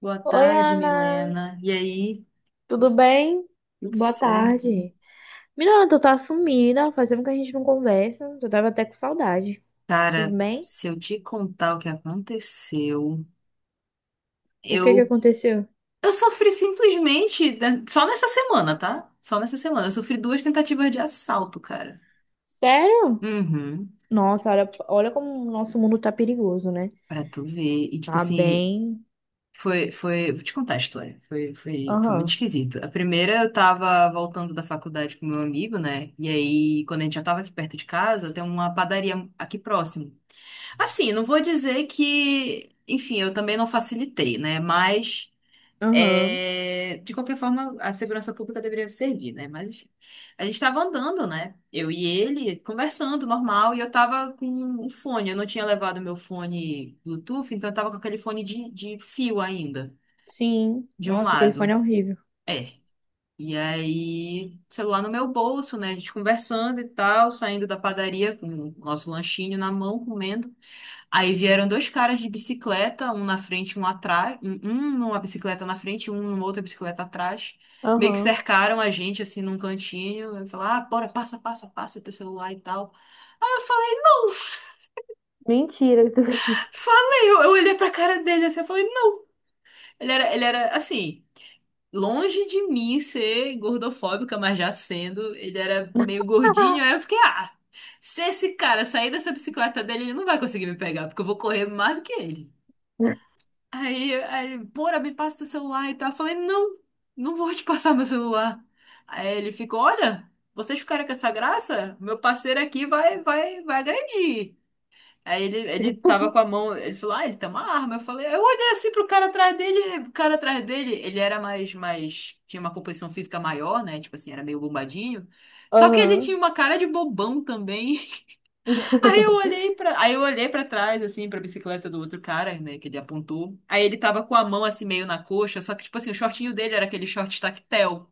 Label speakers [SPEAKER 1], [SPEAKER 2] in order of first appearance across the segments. [SPEAKER 1] Boa
[SPEAKER 2] Oi,
[SPEAKER 1] tarde,
[SPEAKER 2] Ana,
[SPEAKER 1] Milena. E aí?
[SPEAKER 2] tudo bem?
[SPEAKER 1] Tudo
[SPEAKER 2] Boa
[SPEAKER 1] certo?
[SPEAKER 2] tarde. Menina, tu tá sumida, faz tempo que a gente não conversa, tu tava até com saudade. Tudo
[SPEAKER 1] Cara,
[SPEAKER 2] bem?
[SPEAKER 1] se eu te contar o que aconteceu,
[SPEAKER 2] O que que
[SPEAKER 1] eu
[SPEAKER 2] aconteceu?
[SPEAKER 1] eu sofri simplesmente, né? Só nessa semana, tá? Só nessa semana. Eu sofri duas tentativas de assalto, cara.
[SPEAKER 2] Sério?
[SPEAKER 1] Uhum.
[SPEAKER 2] Nossa, olha, olha como o nosso mundo tá perigoso, né?
[SPEAKER 1] Pra tu ver. E tipo
[SPEAKER 2] Tá
[SPEAKER 1] assim,
[SPEAKER 2] bem.
[SPEAKER 1] vou te contar a história. Foi muito
[SPEAKER 2] Aham,
[SPEAKER 1] esquisito. A primeira eu tava voltando da faculdade com meu amigo, né? E aí, quando a gente já tava aqui perto de casa, tem uma padaria aqui próximo. Assim, não vou dizer que, enfim, eu também não facilitei, né? Mas,
[SPEAKER 2] aham.
[SPEAKER 1] de qualquer forma, a segurança pública deveria servir, né? Mas, enfim, a gente estava andando, né? Eu e ele conversando, normal, e eu tava com um fone. Eu não tinha levado meu fone Bluetooth, então eu tava com aquele fone de fio ainda,
[SPEAKER 2] Sim.
[SPEAKER 1] de um
[SPEAKER 2] Nossa, aquele fone
[SPEAKER 1] lado.
[SPEAKER 2] é horrível.
[SPEAKER 1] É. E aí, celular no meu bolso, né? A gente conversando e tal, saindo da padaria com o nosso lanchinho na mão, comendo. Aí vieram dois caras de bicicleta, um na frente, um atrás, um numa bicicleta na frente, um numa outra bicicleta atrás. Meio que
[SPEAKER 2] Aham.
[SPEAKER 1] cercaram a gente assim num cantinho, e falaram: "Ah, bora, passa, passa, passa teu celular e tal". Aí eu falei: "Não".
[SPEAKER 2] Mentira que tu fez isso.
[SPEAKER 1] Falei, eu olhei pra cara dele assim, eu falei: "Não". Ele era assim, longe de mim ser gordofóbica, mas já sendo, ele era meio gordinho, aí eu fiquei: "Ah, se esse cara sair dessa bicicleta dele, ele não vai conseguir me pegar, porque eu vou correr mais do que ele". Aí ele, pora, me passa teu celular e tal. Eu falei, não, não vou te passar meu celular. Aí ele ficou, olha, vocês ficaram com essa graça? Meu parceiro aqui vai agredir. Aí ele tava com a mão, ele falou, ah, ele tem uma arma. Eu falei, eu olhei assim pro cara atrás dele, o cara atrás dele, ele era mais, tinha uma composição física maior, né? Tipo assim, era meio bombadinho. Só que ele
[SPEAKER 2] Aham,
[SPEAKER 1] tinha uma cara de bobão também. Aí eu olhei pra trás assim pra bicicleta do outro cara, né, que ele apontou. Aí ele tava com a mão assim meio na coxa, só que tipo assim, o shortinho dele era aquele short tactel.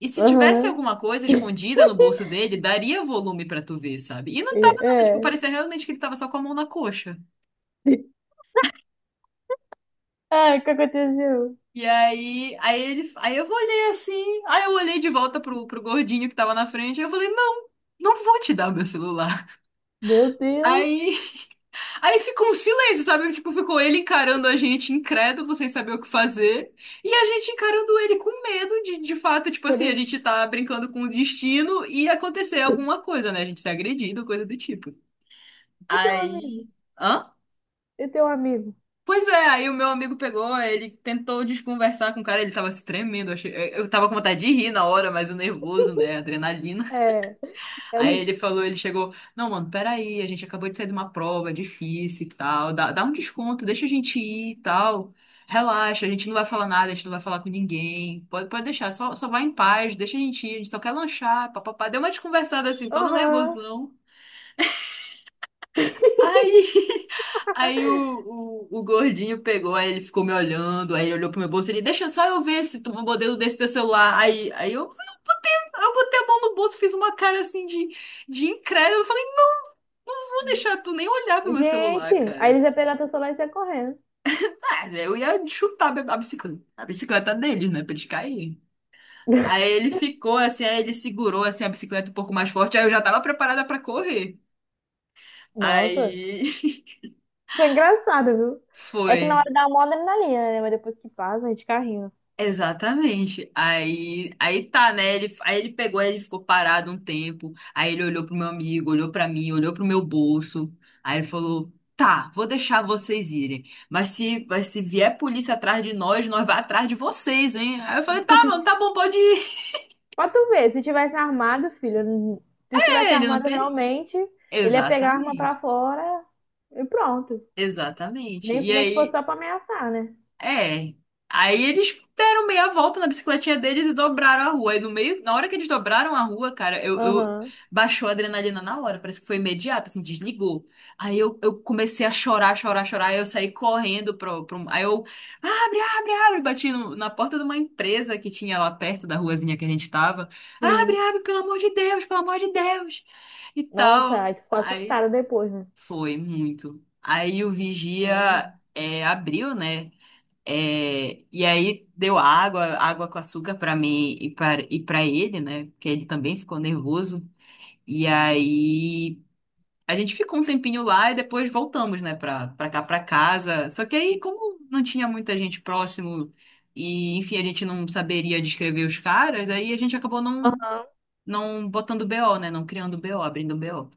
[SPEAKER 1] E se tivesse
[SPEAKER 2] aham.
[SPEAKER 1] alguma coisa escondida no bolso dele, daria volume pra tu ver, sabe? E não tava nada, tipo,
[SPEAKER 2] É.
[SPEAKER 1] parecia realmente que ele tava só com a mão na coxa.
[SPEAKER 2] Ah, o que aconteceu?
[SPEAKER 1] Aí eu olhei assim, aí eu olhei de volta pro gordinho que tava na frente, e eu falei, não, não vou te dar o meu celular.
[SPEAKER 2] Meu Deus,
[SPEAKER 1] Aí Aí ficou um silêncio, sabe? Tipo, ficou ele encarando a gente incrédulo, sem saber o que fazer, e a gente encarando ele com medo de fato, tipo assim, a
[SPEAKER 2] ele...
[SPEAKER 1] gente tá brincando com o destino e acontecer alguma coisa, né? A gente ser agredido, coisa do tipo.
[SPEAKER 2] eu tenho um
[SPEAKER 1] Aí.
[SPEAKER 2] amigo,
[SPEAKER 1] Hã?
[SPEAKER 2] eu tenho um amigo.
[SPEAKER 1] Pois é, aí o meu amigo pegou, ele tentou desconversar com o cara, ele tava se tremendo, eu achei... eu tava com vontade de rir na hora, mas o nervoso, né? A adrenalina.
[SPEAKER 2] É, eu
[SPEAKER 1] Aí
[SPEAKER 2] não-
[SPEAKER 1] ele falou, ele chegou, não, mano, peraí, a gente acabou de sair de uma prova, é difícil e tal, dá um desconto, deixa a gente ir e tal, relaxa, a gente não vai falar nada, a gente não vai falar com ninguém, pode deixar, só vai em paz, deixa a gente ir, a gente só quer lanchar, papapá. Deu uma desconversada assim, todo
[SPEAKER 2] Aham.
[SPEAKER 1] nervosão. Aí, aí o gordinho pegou, aí ele ficou me olhando, aí ele olhou pro meu bolso, ele, deixa só eu ver se tu um modelo desse teu celular. Eu botei a mão no bolso, fiz uma cara assim de incrédulo, não vou deixar tu nem olhar pro meu celular,
[SPEAKER 2] Gente, aí
[SPEAKER 1] cara.
[SPEAKER 2] eles iam pegar teu celular e sair correndo.
[SPEAKER 1] Ah, eu ia chutar a bicicleta. A bicicleta deles, né? Pra eles caírem. Aí ele ficou assim, aí ele segurou assim a bicicleta um pouco mais forte, aí eu já tava preparada pra correr.
[SPEAKER 2] Nossa,
[SPEAKER 1] Aí
[SPEAKER 2] foi engraçado, viu? É que na
[SPEAKER 1] foi.
[SPEAKER 2] hora dá uma adrenalina, né? Mas depois que passa, a gente carrinha.
[SPEAKER 1] Exatamente. Aí tá, né? Aí ele pegou, aí ele ficou parado um tempo. Aí ele olhou pro meu amigo, olhou pra mim, olhou pro meu bolso. Aí ele falou: "Tá, vou deixar vocês irem, mas se vier polícia atrás de nós, nós vai atrás de vocês, hein?" Aí eu falei: "Tá, mano, tá bom, pode ir."
[SPEAKER 2] Pra tu ver, se tivesse
[SPEAKER 1] Ele não
[SPEAKER 2] armado
[SPEAKER 1] tem.
[SPEAKER 2] realmente, ele ia pegar a arma
[SPEAKER 1] Exatamente.
[SPEAKER 2] pra fora e pronto.
[SPEAKER 1] Exatamente.
[SPEAKER 2] Nem,
[SPEAKER 1] E
[SPEAKER 2] nem que fosse
[SPEAKER 1] aí.
[SPEAKER 2] só pra ameaçar, né?
[SPEAKER 1] É. Aí eles deram meia volta na bicicletinha deles e dobraram a rua. E no meio, na hora que eles dobraram a rua, cara, eu
[SPEAKER 2] Aham,
[SPEAKER 1] baixou a adrenalina na hora, parece que foi imediato, assim, desligou. Eu comecei a chorar, chorar, chorar. Aí eu saí correndo pro... Aí eu, abre, bati na porta de uma empresa que tinha lá perto da ruazinha que a gente tava.
[SPEAKER 2] sim.
[SPEAKER 1] Abre, pelo amor de Deus, pelo amor de Deus. E
[SPEAKER 2] Nossa,
[SPEAKER 1] tal.
[SPEAKER 2] aí tu ficou
[SPEAKER 1] Aí
[SPEAKER 2] assustada depois, né?
[SPEAKER 1] foi muito. Aí o
[SPEAKER 2] Imagina.
[SPEAKER 1] vigia abriu, né? É, e aí deu água, água com açúcar para mim e para ele, né? Porque ele também ficou nervoso. E aí a gente ficou um tempinho lá e depois voltamos, né, para cá para casa. Só que aí como não tinha muita gente próximo e enfim, a gente não saberia descrever os caras, aí a gente acabou não botando BO, né? Não criando BO, abrindo BO.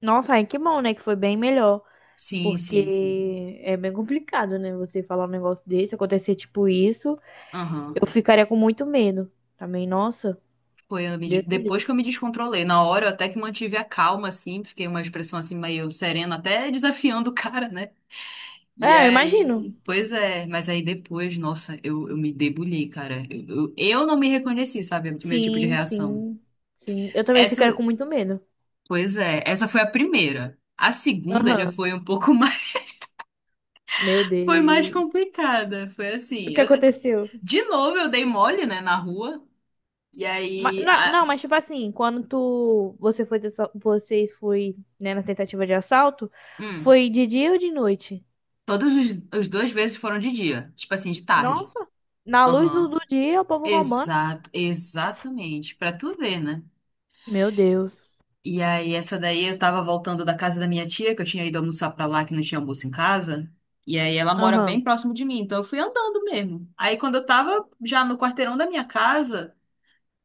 [SPEAKER 2] Nossa, aí que bom, né? Que foi bem melhor.
[SPEAKER 1] Sim, sim, sim.
[SPEAKER 2] Porque é bem complicado, né? Você falar um negócio desse, acontecer tipo isso,
[SPEAKER 1] Aham.
[SPEAKER 2] eu ficaria com muito medo. Também, nossa,
[SPEAKER 1] Foi
[SPEAKER 2] Deus me
[SPEAKER 1] depois que eu
[SPEAKER 2] livre.
[SPEAKER 1] me descontrolei. Na hora eu até que mantive a calma, assim, fiquei uma expressão assim meio serena, até desafiando o cara, né? E
[SPEAKER 2] É, eu
[SPEAKER 1] aí,
[SPEAKER 2] imagino.
[SPEAKER 1] pois é, mas aí depois, nossa, eu me debulhei, cara. Eu não me reconheci, sabe? Do meu tipo de
[SPEAKER 2] Sim,
[SPEAKER 1] reação.
[SPEAKER 2] sim, sim. Eu também
[SPEAKER 1] Essa,
[SPEAKER 2] ficaria com muito medo.
[SPEAKER 1] pois é, essa foi a primeira. A segunda já
[SPEAKER 2] Aham.
[SPEAKER 1] foi um pouco mais,
[SPEAKER 2] Meu
[SPEAKER 1] foi mais
[SPEAKER 2] Deus.
[SPEAKER 1] complicada. Foi
[SPEAKER 2] O
[SPEAKER 1] assim,
[SPEAKER 2] que aconteceu?
[SPEAKER 1] de novo eu dei mole, né, na rua. E aí, a,
[SPEAKER 2] Não, mas tipo assim, você foi, vocês foi, né, na tentativa de assalto,
[SPEAKER 1] hum,
[SPEAKER 2] foi de dia ou de noite?
[SPEAKER 1] todos os, os dois vezes foram de dia, tipo assim, de tarde.
[SPEAKER 2] Nossa, na luz do,
[SPEAKER 1] Aham.
[SPEAKER 2] do dia, o povo roubando.
[SPEAKER 1] Exato, exatamente. Pra tu ver, né?
[SPEAKER 2] Meu Deus.
[SPEAKER 1] E aí, essa daí eu tava voltando da casa da minha tia, que eu tinha ido almoçar pra lá, que não tinha almoço em casa. E aí, ela mora bem
[SPEAKER 2] Aham.
[SPEAKER 1] próximo de mim, então eu fui andando mesmo. Aí, quando eu tava já no quarteirão da minha casa,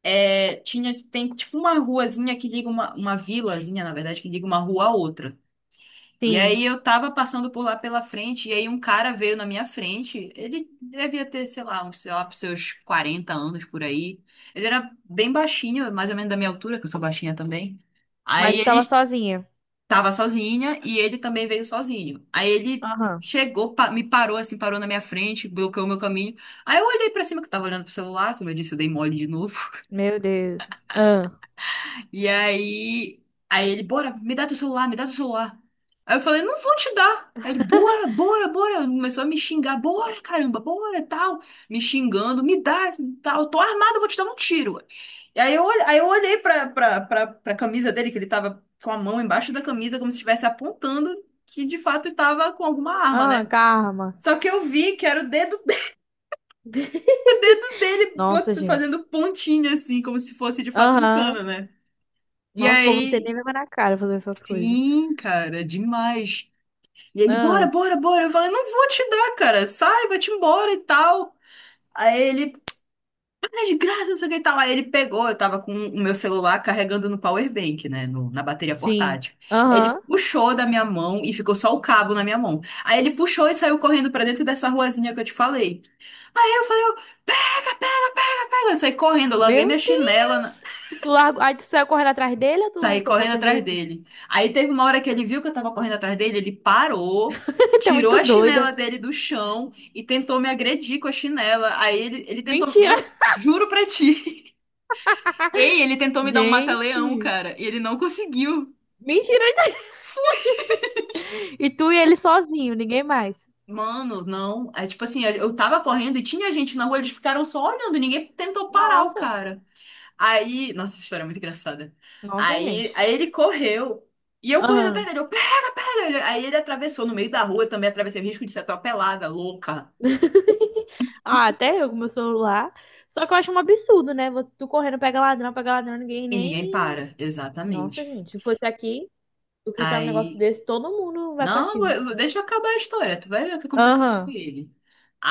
[SPEAKER 1] tem tipo uma ruazinha que liga uma vilazinha, na verdade, que liga uma rua à outra. E
[SPEAKER 2] Sim.
[SPEAKER 1] aí eu tava passando por lá pela frente, e aí um cara veio na minha frente. Ele devia ter, sei lá, sei lá, pros seus 40 anos por aí. Ele era bem baixinho, mais ou menos da minha altura, que eu sou baixinha também. Aí
[SPEAKER 2] Mas tu tava
[SPEAKER 1] ele
[SPEAKER 2] sozinha.
[SPEAKER 1] tava sozinha e ele também veio sozinho. Aí ele
[SPEAKER 2] Aham.
[SPEAKER 1] chegou, me parou assim, parou na minha frente, bloqueou o meu caminho. Aí eu olhei pra cima que eu tava olhando pro celular, como eu disse, eu dei mole de novo.
[SPEAKER 2] Meu Deus. Ah.
[SPEAKER 1] E aí, aí ele, bora, me dá teu celular, me dá teu celular. Aí eu falei, não vou te dar. Aí ele, bora. Começou a me xingar, bora, caramba, bora, tal. Me xingando, me dá, tal. Eu tô armado, eu vou te dar um tiro. E aí eu, aí eu olhei pra camisa dele, que ele tava com a mão embaixo da camisa, como se estivesse apontando que de fato estava com alguma arma,
[SPEAKER 2] Aham,
[SPEAKER 1] né?
[SPEAKER 2] karma.
[SPEAKER 1] Só que eu vi que era o dedo, o dedo dele
[SPEAKER 2] Nossa, gente.
[SPEAKER 1] fazendo pontinha, assim, como se fosse de fato um cano,
[SPEAKER 2] Aham.
[SPEAKER 1] né? E
[SPEAKER 2] Nossa, o povo não tem
[SPEAKER 1] aí.
[SPEAKER 2] nem vergonha na cara fazer essas coisas.
[SPEAKER 1] Sim, cara, demais. E ele,
[SPEAKER 2] Ah,
[SPEAKER 1] bora. Eu falei, não vou te dar, cara. Sai, vai-te embora e tal. Aí ele, tá de graça, não sei o que e tal. Aí ele pegou, eu tava com o meu celular carregando no power bank, né? Na bateria
[SPEAKER 2] sim.
[SPEAKER 1] portátil. Ele
[SPEAKER 2] Aham.
[SPEAKER 1] puxou da minha mão e ficou só o cabo na minha mão. Aí ele puxou e saiu correndo pra dentro dessa ruazinha que eu te falei. Aí eu falei, eu, pega, eu saí correndo, eu larguei
[SPEAKER 2] Meu
[SPEAKER 1] minha chinela.
[SPEAKER 2] Deus. Tu largou. Aí tu saiu correndo atrás dele ou
[SPEAKER 1] Saí
[SPEAKER 2] tu foi pra
[SPEAKER 1] correndo
[SPEAKER 2] outra
[SPEAKER 1] atrás
[SPEAKER 2] direção?
[SPEAKER 1] dele. Aí teve uma hora que ele viu que eu tava correndo atrás dele, ele parou,
[SPEAKER 2] Tu é
[SPEAKER 1] tirou
[SPEAKER 2] muito
[SPEAKER 1] a chinela
[SPEAKER 2] doida.
[SPEAKER 1] dele do chão e tentou me agredir com a chinela. Aí ele tentou.
[SPEAKER 2] Mentira.
[SPEAKER 1] Mano, juro pra ti. Ei, ele tentou me dar um mata-leão,
[SPEAKER 2] Gente.
[SPEAKER 1] cara, e ele não conseguiu.
[SPEAKER 2] Mentira. E tu e ele sozinho, ninguém mais.
[SPEAKER 1] Mano, não. É tipo assim, eu tava correndo e tinha gente na rua, eles ficaram só olhando, ninguém tentou parar o
[SPEAKER 2] Nossa.
[SPEAKER 1] cara. Aí, nossa, essa história é muito engraçada.
[SPEAKER 2] Nossa,
[SPEAKER 1] Aí,
[SPEAKER 2] gente.
[SPEAKER 1] aí ele correu. E eu correndo atrás
[SPEAKER 2] Aham.
[SPEAKER 1] dele, eu pega, pega. Aí ele atravessou no meio da rua, eu também atravessei o risco de ser atropelada, louca.
[SPEAKER 2] Ah, até eu com meu celular. Só que eu acho um absurdo, né? Tu correndo, pega ladrão, ninguém
[SPEAKER 1] E ninguém
[SPEAKER 2] nem.
[SPEAKER 1] para,
[SPEAKER 2] Nossa,
[SPEAKER 1] exatamente.
[SPEAKER 2] gente, se fosse aqui, tu gritar um negócio
[SPEAKER 1] Aí,
[SPEAKER 2] desse, todo mundo vai pra
[SPEAKER 1] não,
[SPEAKER 2] cima.
[SPEAKER 1] deixa eu acabar a história, tu vai ver o que aconteceu com
[SPEAKER 2] Aham,
[SPEAKER 1] ele.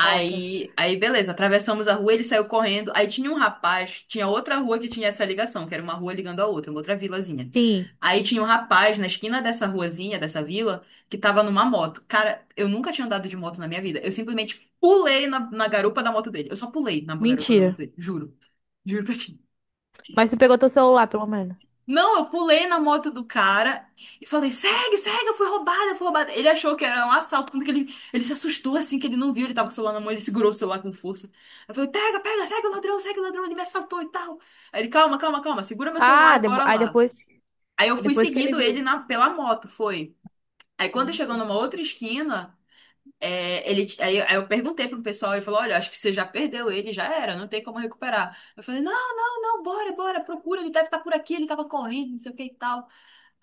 [SPEAKER 2] conta.
[SPEAKER 1] aí beleza, atravessamos a rua, ele saiu correndo. Aí tinha um rapaz, tinha outra rua que tinha essa ligação, que era uma rua ligando a outra, uma outra vilazinha.
[SPEAKER 2] Sim,
[SPEAKER 1] Aí tinha um rapaz na esquina dessa ruazinha, dessa vila, que tava numa moto. Cara, eu nunca tinha andado de moto na minha vida. Eu simplesmente pulei na garupa da moto dele. Eu só pulei na garupa da moto
[SPEAKER 2] mentira.
[SPEAKER 1] dele, juro. Juro pra ti.
[SPEAKER 2] Mas tu pegou teu celular, pelo menos.
[SPEAKER 1] Não, eu pulei na moto do cara e falei: segue, segue, eu fui roubada, eu fui roubada. Ele achou que era um assalto, tanto que ele se assustou assim, que ele não viu, ele tava com o celular na mão, ele segurou o celular com força. Eu falei: pega, pega, segue o ladrão, ele me assaltou e tal. Aí ele: calma, calma, calma, segura meu celular e bora
[SPEAKER 2] Aí
[SPEAKER 1] lá.
[SPEAKER 2] depois.
[SPEAKER 1] Aí eu
[SPEAKER 2] Aí
[SPEAKER 1] fui
[SPEAKER 2] depois que ele
[SPEAKER 1] seguindo ele
[SPEAKER 2] viu.
[SPEAKER 1] pela moto, foi. Aí quando chegou
[SPEAKER 2] Gente.
[SPEAKER 1] numa outra esquina, aí eu perguntei pro pessoal, ele falou: olha, acho que você já perdeu ele, já era, não tem como recuperar. Eu falei: não, não, não, bora, bora, procura, ele deve estar por aqui, ele tava correndo, não sei o que e tal.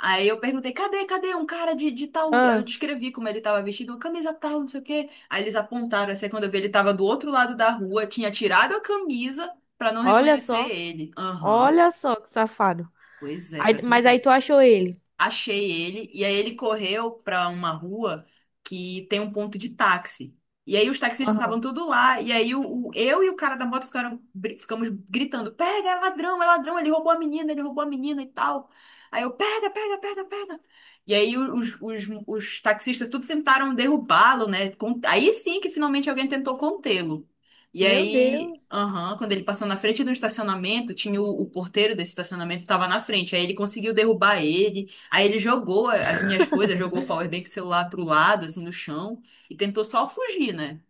[SPEAKER 1] Aí eu perguntei, cadê, cadê um cara de tal? Eu
[SPEAKER 2] Ah,
[SPEAKER 1] descrevi como ele tava vestido, uma camisa tal, não sei o quê. Aí eles apontaram, assim, quando eu vi, ele tava do outro lado da rua, tinha tirado a camisa pra não
[SPEAKER 2] olha
[SPEAKER 1] reconhecer
[SPEAKER 2] só.
[SPEAKER 1] ele. Aham.
[SPEAKER 2] Olha só que safado.
[SPEAKER 1] Pois é, pra tu
[SPEAKER 2] Mas aí
[SPEAKER 1] ver,
[SPEAKER 2] tu achou ele.
[SPEAKER 1] achei ele, e aí ele correu pra uma rua que tem um ponto de táxi. E aí os taxistas estavam
[SPEAKER 2] Aham.
[SPEAKER 1] tudo lá, e aí eu e o cara da moto ficaram, ficamos gritando: pega, é ladrão, ele roubou a menina, ele roubou a menina e tal. Aí eu: pega, pega, pega, pega. E aí os taxistas tudo tentaram derrubá-lo, né? Aí sim que finalmente alguém tentou contê-lo. E
[SPEAKER 2] Meu
[SPEAKER 1] aí,
[SPEAKER 2] Deus.
[SPEAKER 1] aham, quando ele passou na frente do estacionamento, tinha o porteiro desse estacionamento estava na frente. Aí ele conseguiu derrubar ele. Aí ele jogou as minhas coisas, jogou o powerbank celular pro lado, assim, no chão, e tentou só fugir, né?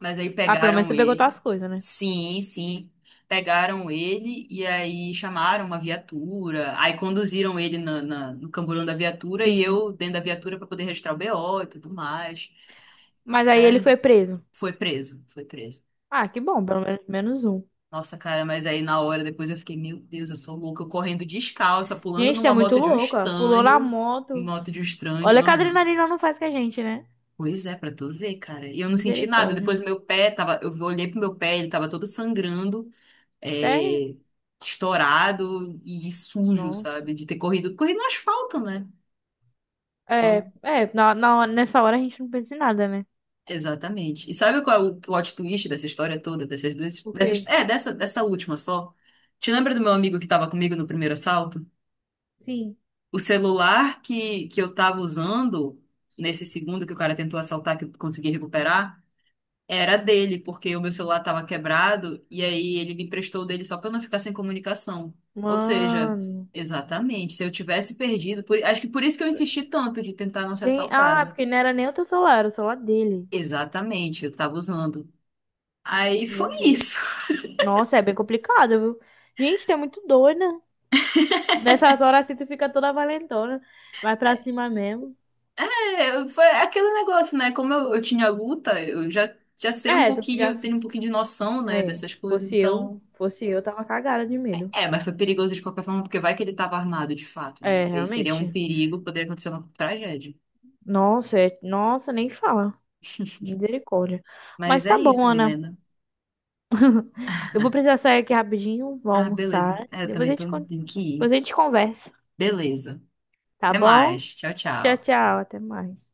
[SPEAKER 1] Mas aí
[SPEAKER 2] Ah, pelo menos
[SPEAKER 1] pegaram
[SPEAKER 2] tu pegou
[SPEAKER 1] ele.
[SPEAKER 2] tuas coisas, né?
[SPEAKER 1] Sim, sim. Pegaram ele e aí chamaram uma viatura. Aí conduziram ele na, no camburão da viatura e
[SPEAKER 2] Sim.
[SPEAKER 1] eu dentro da viatura para poder registrar o BO e tudo mais.
[SPEAKER 2] Mas aí ele
[SPEAKER 1] Cara,
[SPEAKER 2] foi preso.
[SPEAKER 1] foi preso, foi preso.
[SPEAKER 2] Ah, que bom, pelo menos menos um.
[SPEAKER 1] Nossa, cara, mas aí na hora depois eu fiquei, meu Deus, eu sou louca, eu correndo descalça, pulando
[SPEAKER 2] Gente, é
[SPEAKER 1] numa
[SPEAKER 2] muito
[SPEAKER 1] moto de um
[SPEAKER 2] louco, ó. Pulou na
[SPEAKER 1] estranho,
[SPEAKER 2] moto.
[SPEAKER 1] moto de um estranho.
[SPEAKER 2] Olha que a adrenalina não faz com a gente, né?
[SPEAKER 1] Pois é, pra tu ver, cara. E eu não senti nada.
[SPEAKER 2] Misericórdia.
[SPEAKER 1] Depois meu pé tava, eu olhei pro meu pé, ele tava todo sangrando,
[SPEAKER 2] É,
[SPEAKER 1] é, estourado e sujo,
[SPEAKER 2] nossa.
[SPEAKER 1] sabe? De ter corrido, corrido no asfalto, né? Então,
[SPEAKER 2] Na, nessa hora a gente não pensa em nada, né?
[SPEAKER 1] exatamente. E sabe qual é o plot twist dessa história toda, dessas duas,
[SPEAKER 2] O
[SPEAKER 1] dessas,
[SPEAKER 2] quê?
[SPEAKER 1] é, dessa, dessa última só? Te lembra do meu amigo que tava comigo no primeiro assalto?
[SPEAKER 2] Sim.
[SPEAKER 1] O celular que eu tava usando nesse segundo que o cara tentou assaltar, que eu consegui recuperar? Era dele, porque o meu celular estava quebrado e aí ele me emprestou o dele só para não ficar sem comunicação. Ou seja,
[SPEAKER 2] Mano.
[SPEAKER 1] exatamente, se eu tivesse perdido, acho que por isso que eu insisti tanto de tentar não ser
[SPEAKER 2] Gente, ah,
[SPEAKER 1] assaltada.
[SPEAKER 2] porque não era nem o teu celular, era o celular dele.
[SPEAKER 1] Exatamente, eu estava usando. Aí
[SPEAKER 2] Meu
[SPEAKER 1] foi
[SPEAKER 2] Deus.
[SPEAKER 1] isso.
[SPEAKER 2] Nossa, é bem complicado, viu? Gente, tu é muito doida. Nessas horas assim tu fica toda valentona. Vai pra cima mesmo.
[SPEAKER 1] É, foi aquele negócio, né? Como eu tinha luta, eu já sei um
[SPEAKER 2] É, tu
[SPEAKER 1] pouquinho,
[SPEAKER 2] já
[SPEAKER 1] eu tenho um pouquinho de noção, né,
[SPEAKER 2] É,
[SPEAKER 1] dessas coisas, então.
[SPEAKER 2] fosse eu, tava cagada de medo.
[SPEAKER 1] É, mas foi perigoso de qualquer forma, porque vai que ele estava armado de fato,
[SPEAKER 2] É,
[SPEAKER 1] né? Aí seria um
[SPEAKER 2] realmente.
[SPEAKER 1] perigo, poderia acontecer uma tragédia.
[SPEAKER 2] Nossa, nem fala. Misericórdia.
[SPEAKER 1] Mas
[SPEAKER 2] Mas
[SPEAKER 1] é
[SPEAKER 2] tá bom,
[SPEAKER 1] isso,
[SPEAKER 2] Ana.
[SPEAKER 1] Milena.
[SPEAKER 2] Eu vou precisar sair aqui rapidinho, vou
[SPEAKER 1] Ah, beleza.
[SPEAKER 2] almoçar.
[SPEAKER 1] É, eu também tô, tenho que
[SPEAKER 2] Depois
[SPEAKER 1] ir.
[SPEAKER 2] a gente conversa,
[SPEAKER 1] Beleza.
[SPEAKER 2] tá
[SPEAKER 1] Até
[SPEAKER 2] bom?
[SPEAKER 1] mais. Tchau,
[SPEAKER 2] Tchau,
[SPEAKER 1] tchau.
[SPEAKER 2] tchau, até mais.